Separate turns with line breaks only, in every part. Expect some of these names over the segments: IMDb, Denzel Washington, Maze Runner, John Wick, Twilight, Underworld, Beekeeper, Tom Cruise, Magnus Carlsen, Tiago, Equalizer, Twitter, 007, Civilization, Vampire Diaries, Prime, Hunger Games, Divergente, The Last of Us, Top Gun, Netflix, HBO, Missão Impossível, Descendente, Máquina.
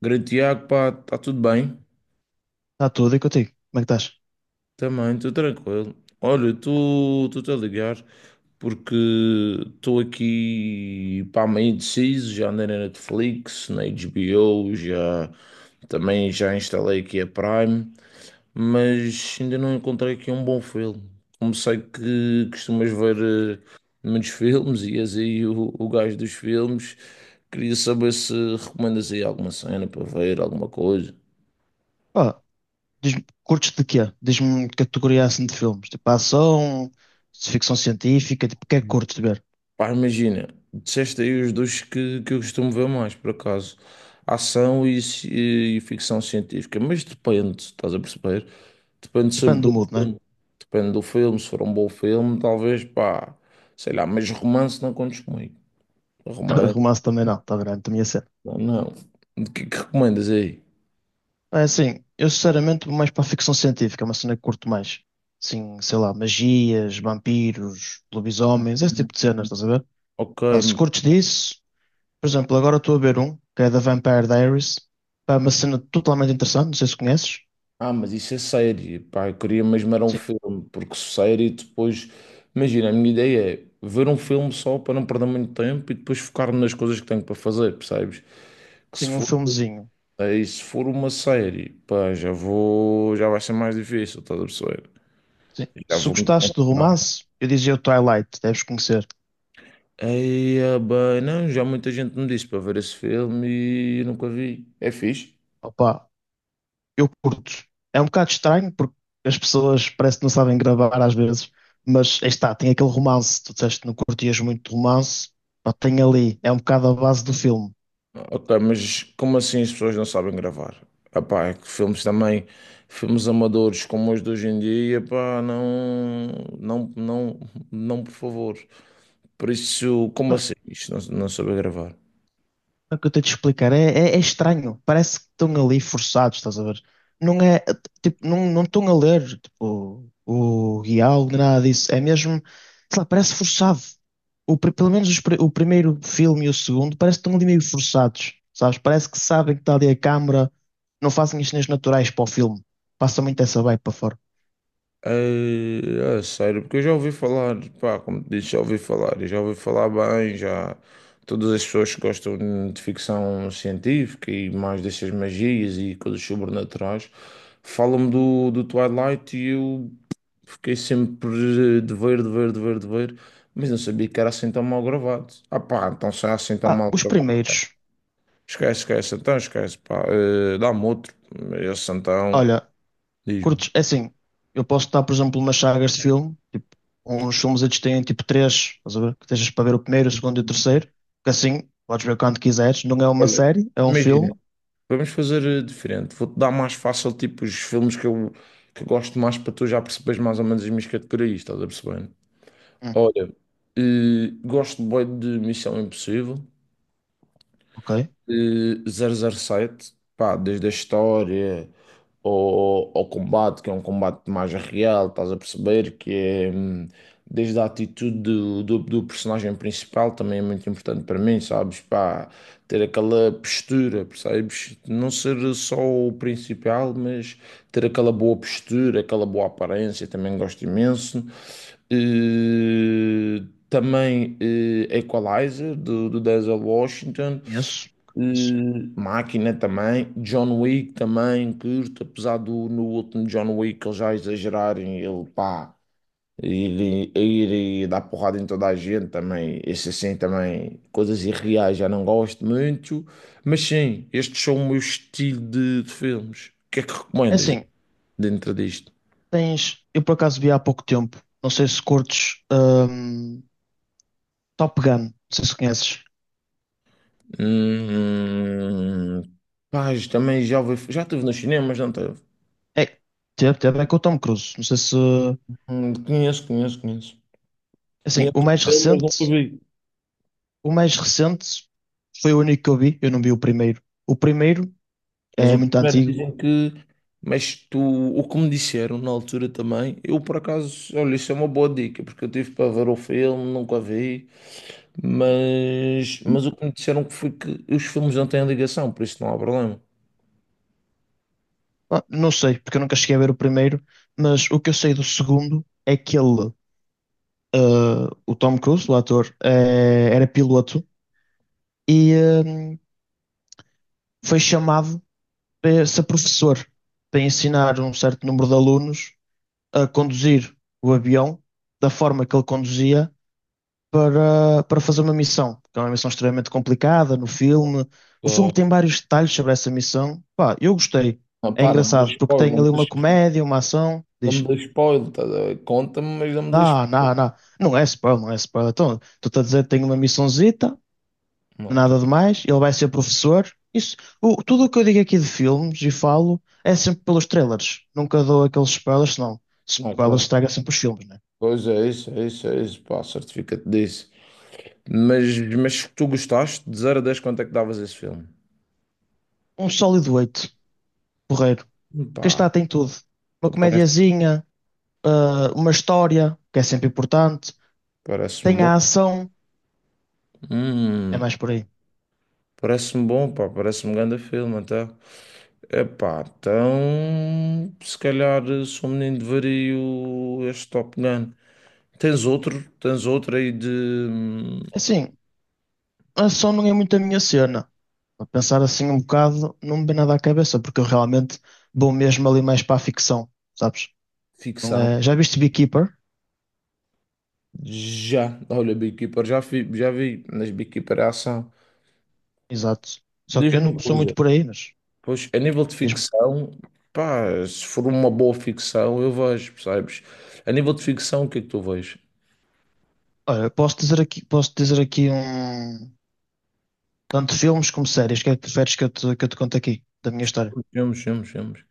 Grande Tiago, pá, está tudo bem?
Está tudo e contigo. Como é que estás?
Também, estou tranquilo. Olha, tu a ligar porque estou aqui, pá, meio indeciso, já andei na Netflix, na HBO, já também já instalei aqui a Prime, mas ainda não encontrei aqui um bom filme. Como sei que costumas ver muitos filmes e és aí o gajo dos filmes, queria saber se recomendas aí alguma cena para ver, alguma coisa.
Pá, diz-me, curtes de quê? Diz-me categoria assim de filmes. Tipo ação, de ficção científica, tipo, o que é que curtes de ver?
Pá, imagina, disseste aí os dois que eu costumo ver mais, por acaso. Ação e ficção científica. Mas depende, estás a perceber? Depende
Depende
sempre
do
do
mood, né?
filme. Depende do filme, se for um bom filme, talvez, pá, sei lá, mas romance não contes comigo. Romance,
Romance também não, está grande, também é ser.
não. Não. O que é que recomendas aí?
É assim, eu sinceramente vou mais para a ficção científica, é uma cena que curto mais. Sim, sei lá, magias, vampiros, lobisomens, esse tipo de cenas, estás a ver?
Ok.
Pá, se curtes disso, por exemplo, agora estou a ver um, que é da Vampire Diaries. Pá, é uma cena totalmente interessante, não sei se conheces.
Ah, mas isso é série, pá, eu queria mesmo era um
Sim,
filme, porque série depois, imagina, a minha ideia é ver um filme só para não perder muito tempo e depois focar-me nas coisas que tenho para fazer, percebes? Que se
sim, um
for,
filmezinho.
aí, se for uma série, pá, já vai ser mais difícil, estás a perceber?
Sim.
Já
Se
vou me
gostaste de
desconcentrar.
romance, eu dizia o Twilight, deves conhecer.
Aí, bem, não, já muita gente me disse para ver esse filme e eu nunca vi. É fixe?
Opa, eu curto. É um bocado estranho porque as pessoas parece que não sabem gravar às vezes, mas aí está, tem aquele romance. Tu disseste que não curtias muito de romance, pá, tem ali, é um bocado a base do filme.
Ok, mas como assim as pessoas não sabem gravar? Epá, é que filmes também, filmes amadores como os de hoje em dia, epá, não, não, não, não, por favor. Por isso, como assim? Isto não saber gravar.
É o que eu estou a te explicar. É estranho. Parece que estão ali forçados, estás a ver? Não é, tipo, não estão a ler, tipo, o guião, nem nada disso. É mesmo, sei lá, parece forçado. O, pelo menos o primeiro filme e o segundo parece que estão ali meio forçados, sabes? Parece que sabem que está ali a câmara, não fazem as cenas naturais para o filme. Passa muito essa vibe para fora.
É sério, porque eu já ouvi falar, pá, como te disse, já ouvi falar, e já ouvi falar bem, já todas as pessoas que gostam de ficção científica e mais dessas magias e coisas sobrenaturais falam do Twilight e eu fiquei sempre de ver, mas não sabia que era assim tão mal gravado. Ah pá, então se é assim tão
Pá,
mal
os
gravado.
primeiros,
Esquece, esquece, então esquece, pá. Dá-me outro. Esse então,
olha,
diz-me.
curtos, é assim, eu posso estar, por exemplo, umas sagas de filme, tipo, uns filmes eles têm tipo três, estás a ver? Que estejas para ver o primeiro, o segundo e o terceiro, que assim podes ver quando quiseres. Não é uma
Olha,
série, é um
imagina,
filme.
vamos fazer diferente. Vou-te dar mais fácil, tipo, os filmes que eu gosto mais para tu já perceberes mais ou menos as minhas categorias, estás a perceber?
Hum,
Olha, gosto bem de Missão Impossível.
ok,
007, pá, desde a história ao combate, que é um combate mais real, estás a perceber? Que é desde a atitude do personagem principal também é muito importante para mim, sabes? Pá, ter aquela postura, percebes? Não ser só o principal, mas ter aquela boa postura, aquela boa aparência, também gosto imenso. Eh, também Equalizer, do Denzel Washington.
conheço, conheço.
Máquina também, John Wick também, curto, apesar do no último John Wick eles já exagerarem, ele pá, ir e dar porrada em toda a gente também, esse assim também, coisas irreais, já não gosto muito, mas sim, estes são o meu estilo de filmes. O que é que
É
recomendas
assim,
dentro disto?
tens. Eu por acaso vi há pouco tempo, não sei se curtes Top Gun, não sei se conheces.
Hum, Pá, isto também já estive nos cinemas, não teve?
É, teve, teve, é com o Tom Cruise. Não sei se.
Conheço, conheço, conheço.
É assim,
Conheço o filme, mas nunca vi.
o mais recente foi o único que eu vi, eu não vi o primeiro. O primeiro.
Mas
É
o
muito
primeiro
antigo.
dizem que. Mas tu, o que me disseram na altura também, eu por acaso, olha, isso é uma boa dica, porque eu tive para ver o filme, nunca vi, mas o que me disseram que foi que os filmes não têm ligação, por isso não há problema.
Ah, não sei, porque eu nunca cheguei a ver o primeiro, mas o que eu sei do segundo é que ele, ah, o Tom Cruise, o ator, era piloto e hum, foi chamado para ser professor, para ensinar um certo número de alunos a conduzir o avião da forma que ele conduzia para, para fazer uma missão, que é uma missão extremamente complicada no filme. O filme
Só-
tem vários detalhes sobre essa missão. Pá, eu gostei.
Ah,
É
pá, não me dê
engraçado, porque
spoiler,
tem
não me
ali uma
dê
comédia, uma ação.
não me
Diz.
dê spoiler, tá, a conta-me, mas não me dê
Não. Não é spoiler, não é spoiler. Então, tu estás a dizer que tem uma missãozita,
spoiler. Ok,
nada demais, ele vai ser professor. Isso, o- tudo o que eu digo aqui de filmes e falo é sempre pelos trailers. Nunca dou aqueles spoilers, senão spoilers
ok.
estraga sempre os filmes, né?
Pois é, isso, é isso, é isso, pá, certifica-te disso. Mas se tu gostaste, de 0 a 10 quanto é que davas esse filme?
Um sólido 8 porreiro. Que está,
Pá,
tem tudo. Uma
então parece,
comediazinha, ah, uma história, que é sempre importante.
parece-me
Tem
bom.
a ação, é
Hum,
mais por aí.
Parece-me bom, pá, parece-me um grande filme até. Epá, então se calhar sou um menino de vario este Top Gun. Tens outro? Tens outro aí de hum,
Assim, a ação não é muito a minha cena. A pensar assim um bocado, não me vem nada à cabeça, porque eu realmente vou mesmo ali mais para a ficção, sabes? Não
ficção?
é... Já viste Beekeeper?
Já, olha, Beekeeper, já vi, mas Beekeeper é ação.
Exato. Só que
Diz-me
eu não
uma
sou muito
coisa,
por aí, mas
pois a nível de
mesmo.
ficção, pá, se for uma boa ficção, eu vejo, percebes? A nível de ficção, o que é que tu vês?
Olha, posso dizer aqui um... Tanto filmes como séries. O que é que preferes que eu te conte aqui, da minha história?
Filmes, filmes, filmes.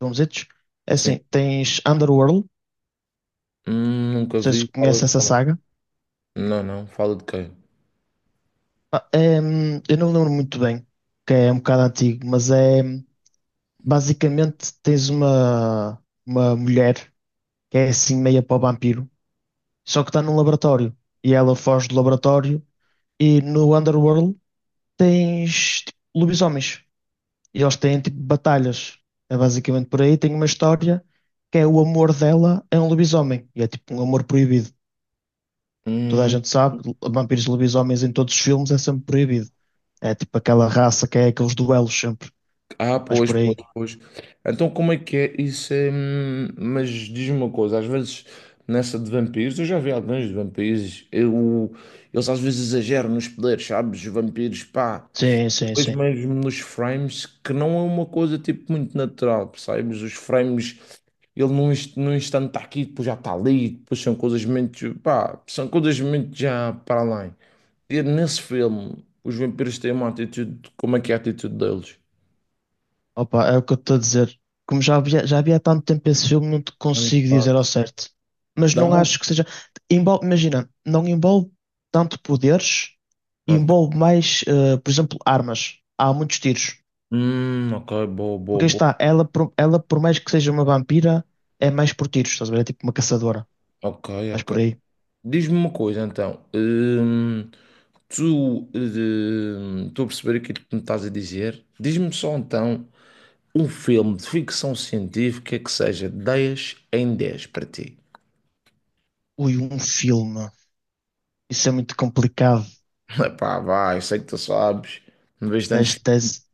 Vamos filmesitos? É
Sim.
assim, tens Underworld, não
Nunca
sei
vi.
se conheces essa saga.
Não, não, fala de quem?
Ah, é, eu não me lembro muito bem, que é um bocado antigo, mas é. Basicamente, tens uma mulher que é assim meia para o vampiro, só que está num laboratório. E ela foge do laboratório. E no Underworld tens tipo, lobisomens. E eles têm tipo batalhas. É basicamente por aí. Tem uma história que é o amor dela é um lobisomem. E é tipo um amor proibido. Toda a
Hum,
gente sabe, vampiros e lobisomens em todos os filmes é sempre proibido. É tipo aquela raça que é aqueles duelos sempre.
ah,
Mas
pois,
por
pois,
aí.
pois. Então como é que é isso? Mas diz-me uma coisa, às vezes nessa de vampiros, eu já vi alguns de vampiros, eles às vezes exageram nos poderes, sabes? Os vampiros, pá,
Sim, sim,
depois
sim.
mesmo nos frames, que não é uma coisa tipo muito natural, percebes? Os frames, ele num instante está aqui, depois já está ali, depois são coisas muito, pá, são coisas muito já para além. E nesse filme, os vampiros têm uma atitude. Como é que é a atitude deles?
Opa, é o que eu estou a dizer. Como já havia há tanto tempo esse filme, não te
Hum.
consigo
Pá.
dizer ao certo. Mas
Dá
não
muito.
acho que seja. Envolve, imagina, não envolve tanto poderes,
Ok.
envolve mais, por exemplo, armas. Há muitos tiros.
Ok, boa, boa,
Porque aí
boa.
está, ela, ela, por mais que seja uma vampira, é mais por tiros, estás a ver? É tipo uma caçadora.
Ok,
Mas
ok.
por aí.
Diz-me uma coisa então. Tu. Estou a perceber aquilo que me estás a dizer. Diz-me só então um filme de ficção científica que seja 10 em 10 para ti.
Ui, um filme. Isso é muito complicado
Epá, vai, eu sei que tu sabes. Não vejo tantos
nesta
filmes,
tese.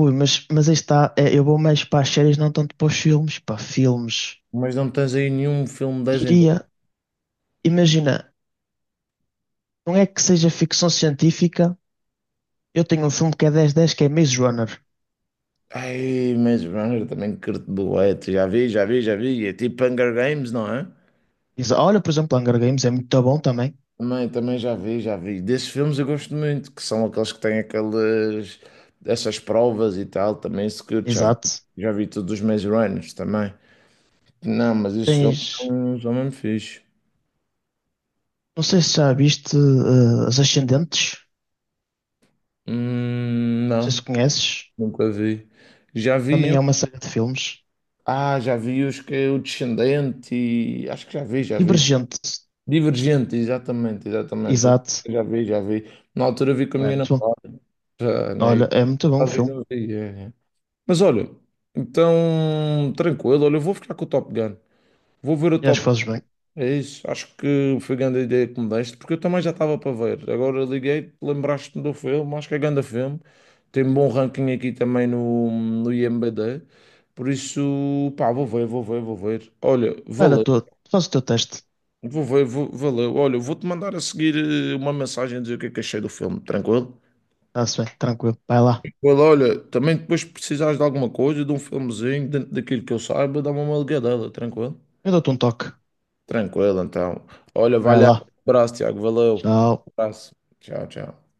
Ui, mas aí está, é, eu vou mais para as séries, não tanto para os filmes. Para filmes.
mas não tens aí nenhum filme 10 em
Diria. Imagina. Não é que seja ficção científica. Eu tenho um filme que é dez dez que é Maze Runner.
Ai, Maze Runner também curto bué, tu já vi, já vi, já vi. É tipo Hunger Games, não é?
Exa- Olha, por exemplo, Hunger Games é muito bom também.
Também, também já vi, já vi. Desses filmes eu gosto muito, que são aqueles que têm aquelas essas provas e tal, também se curto, já vi.
Exato.
Já vi todos os Maze Runners também. Não, mas esses filmes
Tens.
são mesmo fixe.
Não sei se já viste As Ascendentes. Não sei se
Não,
conheces.
nunca vi. Já vi
Também é uma
um.
série de filmes.
Ah, já vi os que é o Descendente e acho que já vi, já vi.
Divergente.
Divergente, exatamente, exatamente.
Exato.
Eu já vi. Na altura vi com a
É
minha
muito bom.
namorada, já, né?
Olha,
E
é muito bom o
talvez
filme.
não vi. É. Mas olha, então, tranquilo, olha, eu vou ficar com o Top Gun. Vou ver o
E acho
Top
que fazes
Gun.
bem.
É isso, acho que foi grande a grande ideia que me deste, porque eu também já estava para ver. Agora liguei, lembraste-me do filme, acho que é grande filme. Tem um bom ranking aqui também no IMDb. Por isso, pá, vou ver, vou ver, vou ver. Olha,
Olha,
valeu.
tu, faz o teu teste.
Vou ver, vou, valeu. Olha, eu vou-te mandar a seguir uma mensagem a dizer o que é que achei do filme, tranquilo?
Está-se bem, tranquilo. Vai lá.
Well, olha, também depois se precisares de alguma coisa, de um filmezinho, dentro daquilo que eu saiba, dá-me uma ligadela, tranquilo?
Eu dou-te um toque.
Tranquilo, então. Olha, vai
Vai
lá.
lá.
Abraço, Tiago, valeu.
Tchau.
Um abraço. Tchau, tchau.